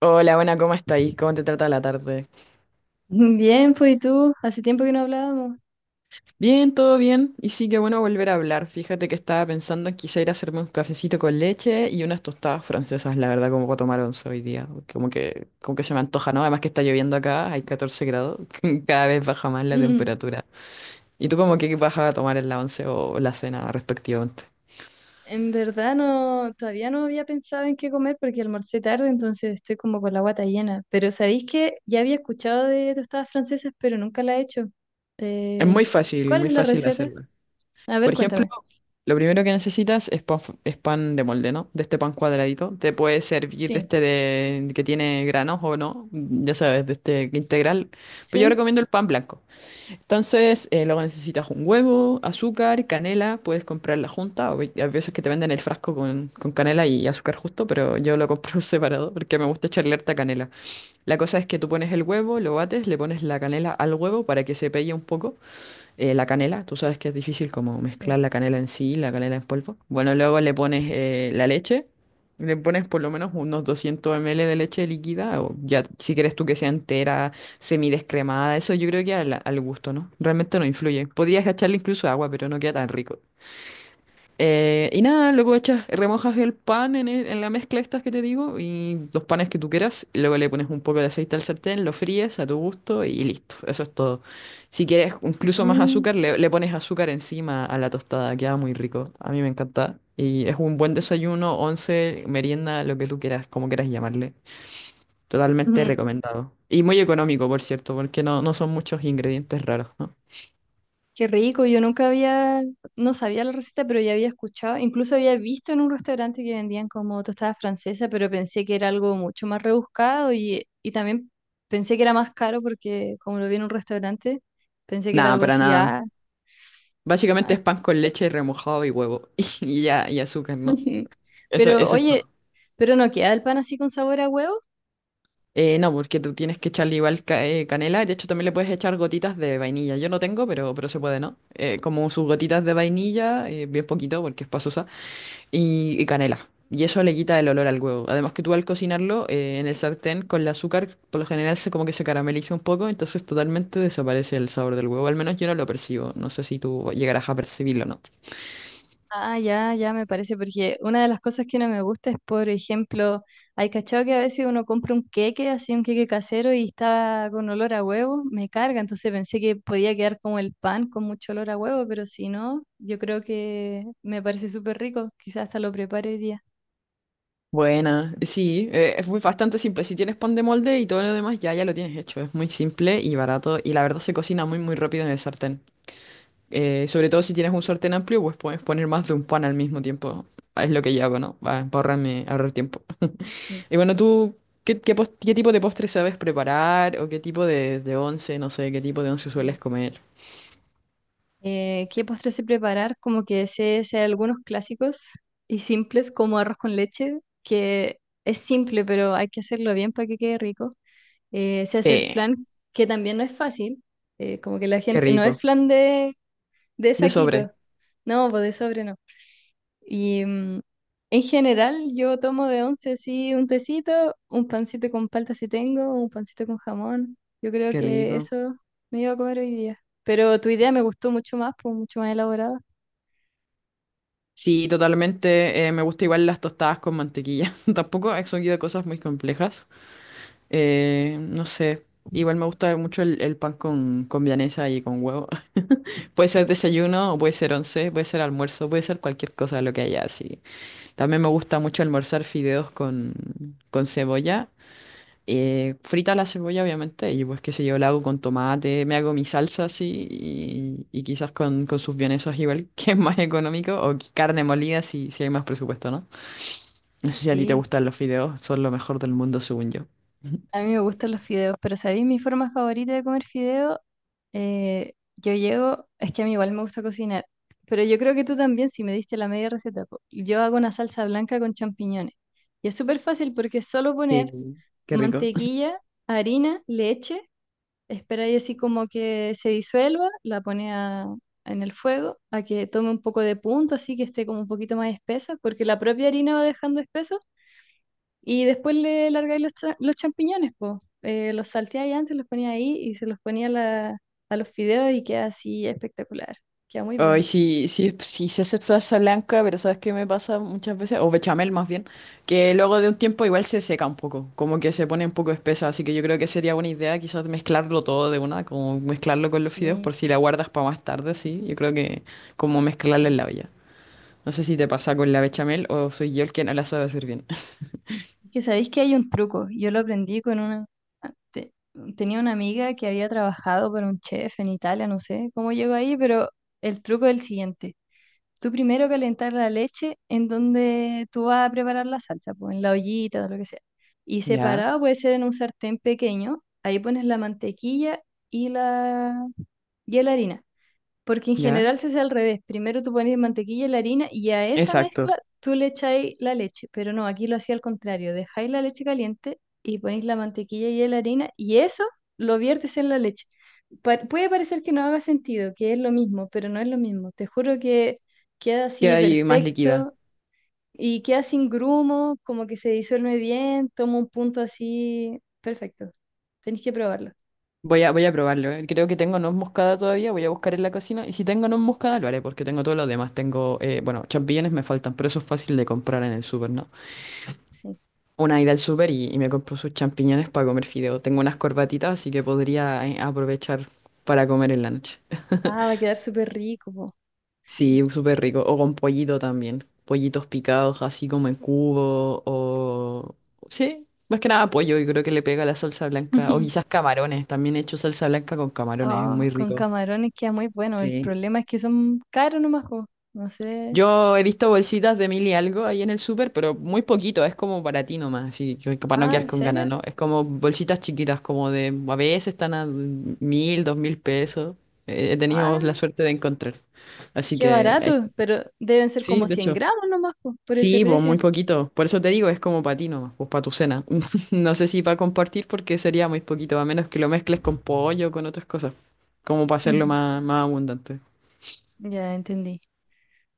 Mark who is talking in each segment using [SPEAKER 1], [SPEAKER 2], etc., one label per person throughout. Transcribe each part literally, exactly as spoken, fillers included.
[SPEAKER 1] Hola, buena, ¿cómo estáis? ¿Cómo te trata la tarde?
[SPEAKER 2] Bien, pues ¿y tú? Hace tiempo que no hablábamos.
[SPEAKER 1] Bien, todo bien. Y sí, que bueno volver a hablar. Fíjate que estaba pensando en quizá ir a hacerme un cafecito con leche y unas tostadas francesas, la verdad, como para tomar once hoy día. Como que, como que se me antoja, ¿no? Además que está lloviendo acá, hay catorce grados, cada vez baja más la temperatura. ¿Y tú como que vas a tomar en la once o la cena respectivamente?
[SPEAKER 2] En verdad no, todavía no había pensado en qué comer porque almorcé tarde, entonces estoy como con la guata llena. Pero ¿sabéis que ya había escuchado de tostadas francesas, pero nunca la he hecho?
[SPEAKER 1] Es muy
[SPEAKER 2] Eh,
[SPEAKER 1] fácil,
[SPEAKER 2] ¿Cuál
[SPEAKER 1] muy
[SPEAKER 2] es la
[SPEAKER 1] fácil
[SPEAKER 2] receta?
[SPEAKER 1] hacerla.
[SPEAKER 2] A ver,
[SPEAKER 1] Por ejemplo,
[SPEAKER 2] cuéntame.
[SPEAKER 1] lo primero que necesitas es pan, f- es pan de molde, ¿no? De este pan cuadradito. Te puede servir de
[SPEAKER 2] Sí,
[SPEAKER 1] este de, que tiene granos o no, ya sabes, de este integral. Pero yo
[SPEAKER 2] sí,
[SPEAKER 1] recomiendo el pan blanco. Entonces, eh, luego necesitas un huevo, azúcar, canela. Puedes comprarla junta. O Hay hay veces que te venden el frasco con, con canela y azúcar justo, pero yo lo compro separado porque me gusta echarle harta canela. La cosa es que tú pones el huevo, lo bates, le pones la canela al huevo para que se pegue un poco eh, la canela. Tú sabes que es difícil como
[SPEAKER 2] sí.
[SPEAKER 1] mezclar la canela en sí, la canela en polvo. Bueno, luego le pones eh, la leche, le pones por lo menos unos doscientos mililitros de leche líquida, o ya si quieres tú que sea entera, semidescremada, eso yo creo que al, al, gusto, ¿no? Realmente no influye. Podrías echarle incluso agua, pero no queda tan rico. Eh, y nada, luego echas, remojas el pan en, e- en la mezcla estas que te digo y los panes que tú quieras, y luego le pones un poco de aceite al sartén, lo fríes a tu gusto y listo. Eso es todo. Si quieres incluso más
[SPEAKER 2] Mm.
[SPEAKER 1] azúcar, le, le pones azúcar encima a la tostada. Queda muy rico. A mí me encanta. Y es un buen desayuno, once, merienda, lo que tú quieras, como quieras llamarle. Totalmente recomendado. Y muy económico, por cierto, porque no, no son muchos ingredientes raros, ¿no?
[SPEAKER 2] Qué rico, yo nunca había, no sabía la receta, pero ya había escuchado, incluso había visto en un restaurante que vendían como tostada francesa, pero pensé que era algo mucho más rebuscado y, y también pensé que era más caro porque como lo vi en un restaurante, pensé que era
[SPEAKER 1] Nada,
[SPEAKER 2] algo
[SPEAKER 1] para
[SPEAKER 2] así,
[SPEAKER 1] nada.
[SPEAKER 2] ah,
[SPEAKER 1] Básicamente
[SPEAKER 2] ah.
[SPEAKER 1] es pan con leche remojado y huevo y ya y azúcar, ¿no? Eso,
[SPEAKER 2] Pero
[SPEAKER 1] eso es
[SPEAKER 2] oye,
[SPEAKER 1] todo.
[SPEAKER 2] pero no queda el pan así con sabor a huevo.
[SPEAKER 1] Eh, no, porque tú tienes que echarle igual ca- eh, canela. De hecho, también le puedes echar gotitas de vainilla. Yo no tengo, pero, pero se puede, ¿no? Eh, como sus gotitas de vainilla, eh, bien poquito, porque es pasosa, y, y canela. Y eso le quita el olor al huevo. Además que tú al cocinarlo eh, en el sartén con el azúcar, por lo general se como que se carameliza un poco, entonces totalmente desaparece el sabor del huevo. Al menos yo no lo percibo. No sé si tú llegarás a percibirlo o no.
[SPEAKER 2] Ah, ya, ya me parece, porque una de las cosas que no me gusta es, por ejemplo, hay cachado que a veces uno compra un queque, así un queque casero y está con olor a huevo, me carga, entonces pensé que podía quedar como el pan con mucho olor a huevo, pero si no, yo creo que me parece súper rico, quizás hasta lo prepare hoy día.
[SPEAKER 1] Buena, sí, eh, es muy bastante simple. Si tienes pan de molde y todo lo demás ya, ya lo tienes hecho. Es muy simple y barato y la verdad se cocina muy muy rápido en el sartén. Eh, sobre todo si tienes un sartén amplio, pues puedes poner más de un pan al mismo tiempo. Es lo que yo hago, ¿no? Va, para ahorrarme, ahorrar tiempo.
[SPEAKER 2] Sí.
[SPEAKER 1] Y bueno, ¿tú qué, qué, pos- qué tipo de postre sabes preparar o qué tipo de, de once, no sé, qué tipo de once sueles
[SPEAKER 2] Ujú.
[SPEAKER 1] comer?
[SPEAKER 2] Eh, ¿qué postre sé preparar? Como que sé, sé algunos clásicos y simples, como arroz con leche, que es simple, pero hay que hacerlo bien para que quede rico. Eh, sé hacer
[SPEAKER 1] Sí,
[SPEAKER 2] flan, que también no es fácil. Eh, como que la
[SPEAKER 1] qué
[SPEAKER 2] gente, no es
[SPEAKER 1] rico.
[SPEAKER 2] flan de, de
[SPEAKER 1] De sobre,
[SPEAKER 2] saquito, no, pues de sobre no. Y mm, en general yo tomo de once sí un tecito, un pancito con palta si tengo, un pancito con jamón. Yo creo
[SPEAKER 1] qué
[SPEAKER 2] que
[SPEAKER 1] rico.
[SPEAKER 2] eso me iba a comer hoy día. Pero tu idea me gustó mucho más, pues mucho más elaborada.
[SPEAKER 1] Sí, totalmente. Eh, me gusta igual las tostadas con mantequilla. Tampoco he seguido cosas muy complejas. Eh, no sé. Igual me gusta mucho el, el pan con, con, vienesa y con huevo. Puede ser desayuno, o puede ser once, puede ser almuerzo, puede ser cualquier cosa lo que haya así. También me gusta mucho almorzar fideos con, con, cebolla. Eh, frita la cebolla, obviamente, y pues qué sé yo, la hago con tomate, me hago mi salsa así y, y, quizás con, con sus vienesas igual, que es más económico, o carne molida si, si hay más presupuesto, ¿no? No sé si a ti te
[SPEAKER 2] Sí.
[SPEAKER 1] gustan los fideos, son lo mejor del mundo, según yo.
[SPEAKER 2] A mí me gustan los fideos, pero ¿sabéis mi forma favorita de comer fideo? Eh, yo llego, es que a mí igual me gusta cocinar, pero yo creo que tú también, si me diste la media receta, po. Yo hago una salsa blanca con champiñones. Y es súper fácil porque es solo
[SPEAKER 1] Sí,
[SPEAKER 2] poner
[SPEAKER 1] qué rico.
[SPEAKER 2] mantequilla, harina, leche, esperáis así como que se disuelva, la pone a- en el fuego, a que tome un poco de punto, así que esté como un poquito más espesa, porque la propia harina va dejando espeso y después le largáis los, cha- los champiñones, po. Eh, los salteáis antes, los ponía ahí y se los ponía a la- a los fideos y queda así espectacular. Queda muy
[SPEAKER 1] Ay,
[SPEAKER 2] bueno.
[SPEAKER 1] sí, sí, sí se hace salsa blanca, pero ¿sabes qué me pasa muchas veces? O bechamel más bien, que luego de un tiempo igual se seca un poco, como que se pone un poco espesa, así que yo creo que sería buena idea quizás mezclarlo todo de una, como mezclarlo con los fideos
[SPEAKER 2] Sí,
[SPEAKER 1] por si la guardas para más tarde, sí, yo creo que como mezclarla
[SPEAKER 2] sí.
[SPEAKER 1] en la olla. No sé si te pasa con la bechamel o soy yo el que no la sabe hacer bien.
[SPEAKER 2] Es que sabéis que hay un truco. Yo lo aprendí con una, ah, te- tenía una amiga que había trabajado para un chef en Italia, no sé cómo llegó ahí, pero el truco es el siguiente. Tú primero calentar la leche en donde tú vas a preparar la salsa, pues en la ollita o lo que sea. Y
[SPEAKER 1] Ya,
[SPEAKER 2] separado puede ser en un sartén pequeño. Ahí pones la mantequilla y la, y la harina. Porque en
[SPEAKER 1] ya.
[SPEAKER 2] general se hace al revés. Primero tú pones mantequilla y la harina y a esa
[SPEAKER 1] Exacto,
[SPEAKER 2] mezcla tú le echáis la leche. Pero no, aquí lo hacía al contrario. Dejáis la leche caliente y ponéis la mantequilla y la harina y eso lo viertes en la leche. Pa- puede parecer que no haga sentido, que es lo mismo, pero no es lo mismo. Te juro que queda así
[SPEAKER 1] queda ahí más líquida.
[SPEAKER 2] perfecto y queda sin grumos como que se disuelve bien, toma un punto así perfecto. Tenéis que probarlo.
[SPEAKER 1] Voy a, voy a probarlo. eh. Creo que tengo noz moscada todavía. Voy a buscar en la cocina. Y si tengo noz moscada, lo haré porque tengo todo lo demás. Tengo, eh, bueno, champiñones me faltan, pero eso es fácil de comprar en el súper, ¿no?
[SPEAKER 2] Sí.
[SPEAKER 1] Una ida al súper y, y me compro sus champiñones para comer fideo. Tengo unas corbatitas, así que podría eh, aprovechar para comer en la noche.
[SPEAKER 2] Ah, va a quedar súper rico, po. Sí.
[SPEAKER 1] Sí, súper rico. O con pollito también. Pollitos picados, así como en cubo. O. Sí, más que nada pollo. Y creo que le pega la salsa blanca. O quizás camarones. También he hecho salsa blanca con camarones. Es
[SPEAKER 2] Ah,
[SPEAKER 1] muy
[SPEAKER 2] con
[SPEAKER 1] rico.
[SPEAKER 2] camarones queda muy bueno. El
[SPEAKER 1] Sí.
[SPEAKER 2] problema es que son caros nomás, po. No sé.
[SPEAKER 1] Yo he visto bolsitas de mil y algo ahí en el súper, pero muy poquito, es como para ti nomás, así que para no
[SPEAKER 2] Ah,
[SPEAKER 1] quedar
[SPEAKER 2] ¿en
[SPEAKER 1] con ganas,
[SPEAKER 2] serio?
[SPEAKER 1] ¿no? Es como bolsitas chiquitas, como de, a veces están a mil, dos mil pesos. Eh, He tenido
[SPEAKER 2] Ah,
[SPEAKER 1] la suerte de encontrar. Así
[SPEAKER 2] qué
[SPEAKER 1] que, ay,
[SPEAKER 2] barato. Pero deben ser
[SPEAKER 1] sí,
[SPEAKER 2] como
[SPEAKER 1] de
[SPEAKER 2] cien
[SPEAKER 1] hecho,
[SPEAKER 2] gramos nomás, po, por ese
[SPEAKER 1] sí, pues muy
[SPEAKER 2] precio.
[SPEAKER 1] poquito. Por eso te digo, es como para ti nomás, pues para tu cena. No sé si para compartir porque sería muy poquito, a menos que lo mezcles con pollo, con otras cosas, como para hacerlo más, más abundante.
[SPEAKER 2] Ya entendí.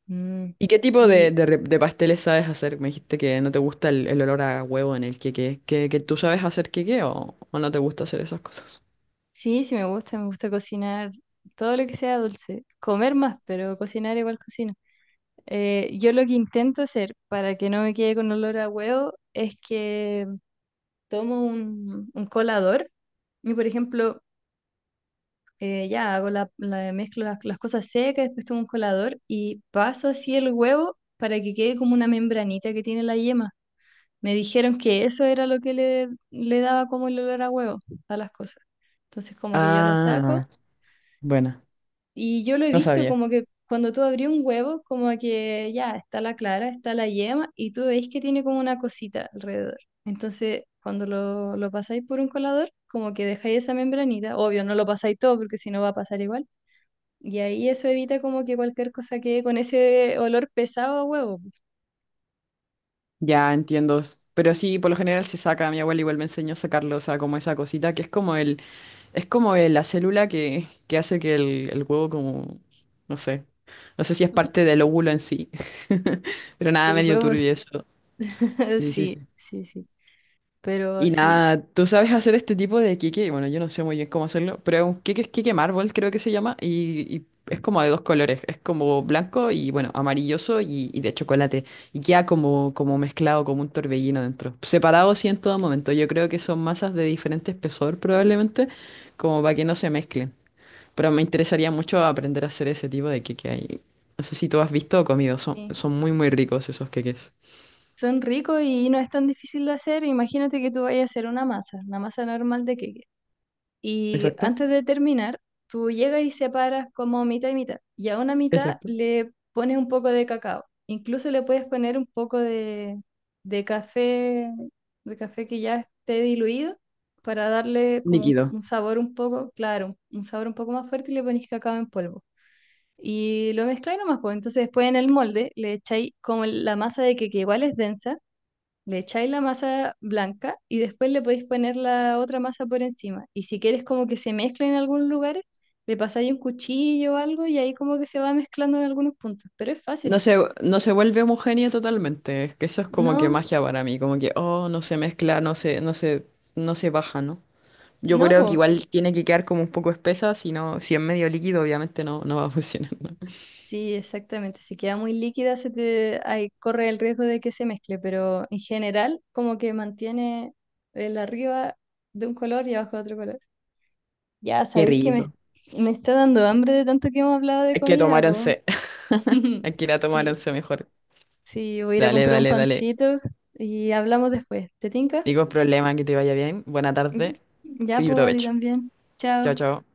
[SPEAKER 2] Mm.
[SPEAKER 1] ¿Y qué tipo de,
[SPEAKER 2] Y
[SPEAKER 1] de re- de pasteles sabes hacer? Me dijiste que no te gusta el, el olor a huevo en el queque. ¿Que, que tú sabes hacer queque o, o no te gusta hacer esas cosas?
[SPEAKER 2] sí, sí me gusta, me gusta cocinar todo lo que sea dulce. Comer más, pero cocinar igual cocino. Eh, yo lo que intento hacer para que no me quede con olor a huevo es que tomo un, un colador y, por ejemplo, eh, ya hago la, la- mezclo las, las cosas secas, después tomo un colador y paso así el huevo para que quede como una membranita que tiene la yema. Me dijeron que eso era lo que le, le daba como el olor a huevo a las cosas. Entonces como que yo lo saco
[SPEAKER 1] Ah, bueno,
[SPEAKER 2] y yo lo he
[SPEAKER 1] no
[SPEAKER 2] visto
[SPEAKER 1] sabía.
[SPEAKER 2] como que cuando tú abrí un huevo, como que ya está la clara, está la yema y tú veis que tiene como una cosita alrededor. Entonces cuando lo, lo pasáis por un colador, como que dejáis esa membranita, obvio no lo pasáis todo porque si no va a pasar igual y ahí eso evita como que cualquier cosa quede con ese olor pesado a huevo.
[SPEAKER 1] Ya entiendo. S- Pero sí, por lo general se saca. Mi abuela igual me enseñó a sacarlo, o sea, como esa cosita que es como el, es como el- la célula que, que hace que el, el huevo como, no sé, no sé si es parte del óvulo en sí. Pero
[SPEAKER 2] Que
[SPEAKER 1] nada,
[SPEAKER 2] el
[SPEAKER 1] medio
[SPEAKER 2] huevo, es-
[SPEAKER 1] turbio eso. Sí, sí,
[SPEAKER 2] sí,
[SPEAKER 1] sí.
[SPEAKER 2] sí, sí. Pero
[SPEAKER 1] Y
[SPEAKER 2] sí,
[SPEAKER 1] nada, tú sabes hacer este tipo de queque. Bueno, yo no sé muy bien cómo hacerlo, pero es un queque es queque mármol, creo que se llama. Y, y es como de dos colores. Es como blanco y, bueno, amarilloso y, y de chocolate. Y queda como, como mezclado, como un torbellino dentro. Separado, sí, en todo momento. Yo creo que son masas de diferente espesor, probablemente, como para que no se mezclen. Pero me interesaría mucho aprender a hacer ese tipo de queque ahí. No sé si tú has visto o comido. Son,
[SPEAKER 2] sí.
[SPEAKER 1] son muy, muy ricos esos queques.
[SPEAKER 2] Son ricos y no es tan difícil de hacer. Imagínate que tú vayas a hacer una masa, una masa normal de queque. Y
[SPEAKER 1] Exacto,
[SPEAKER 2] antes de terminar, tú llegas y separas como mitad y mitad. Y a una mitad
[SPEAKER 1] exacto.
[SPEAKER 2] le pones un poco de cacao. Incluso le puedes poner un poco de, de café, de café que ya esté diluido, para darle como un,
[SPEAKER 1] Líquido.
[SPEAKER 2] un sabor un poco, claro, un sabor un poco más fuerte y le pones cacao en polvo. Y lo mezcláis nomás, pues. Entonces después en el molde le echáis como la masa de que, que igual es densa, le echáis la masa blanca y después le podéis poner la otra masa por encima. Y si quieres como que se mezcle en algunos lugares, le pasáis un cuchillo o algo y ahí como que se va mezclando en algunos puntos. Pero es
[SPEAKER 1] No
[SPEAKER 2] fácil.
[SPEAKER 1] se, no se vuelve homogénea totalmente. Es que eso es como que
[SPEAKER 2] No,
[SPEAKER 1] magia para mí, como que, oh, no se mezcla, no se, no se, no se baja, ¿no? Yo
[SPEAKER 2] no,
[SPEAKER 1] creo que
[SPEAKER 2] pues
[SPEAKER 1] igual tiene que quedar como un poco espesa, si no, si es medio líquido, obviamente no, no va a funcionar, ¿no?
[SPEAKER 2] sí, exactamente. Si queda muy líquida, se te, ahí corre el riesgo de que se mezcle, pero en general como que mantiene el arriba de un color y abajo de otro color. Ya,
[SPEAKER 1] Qué
[SPEAKER 2] sabéis que me,
[SPEAKER 1] rico.
[SPEAKER 2] me está dando hambre de tanto que hemos hablado de
[SPEAKER 1] Hay que
[SPEAKER 2] comida,
[SPEAKER 1] tomar
[SPEAKER 2] pues.
[SPEAKER 1] once, hay que ir a tomar
[SPEAKER 2] Sí.
[SPEAKER 1] once mejor.
[SPEAKER 2] Sí, voy a ir a
[SPEAKER 1] Dale,
[SPEAKER 2] comprar un
[SPEAKER 1] dale, dale.
[SPEAKER 2] pancito y hablamos después. ¿Te tinca?
[SPEAKER 1] Digo, problema, que te vaya bien. Buena
[SPEAKER 2] Mm,
[SPEAKER 1] tarde
[SPEAKER 2] ya,
[SPEAKER 1] y
[SPEAKER 2] pues, a ti
[SPEAKER 1] provecho.
[SPEAKER 2] también. Chao.
[SPEAKER 1] Chao, chao.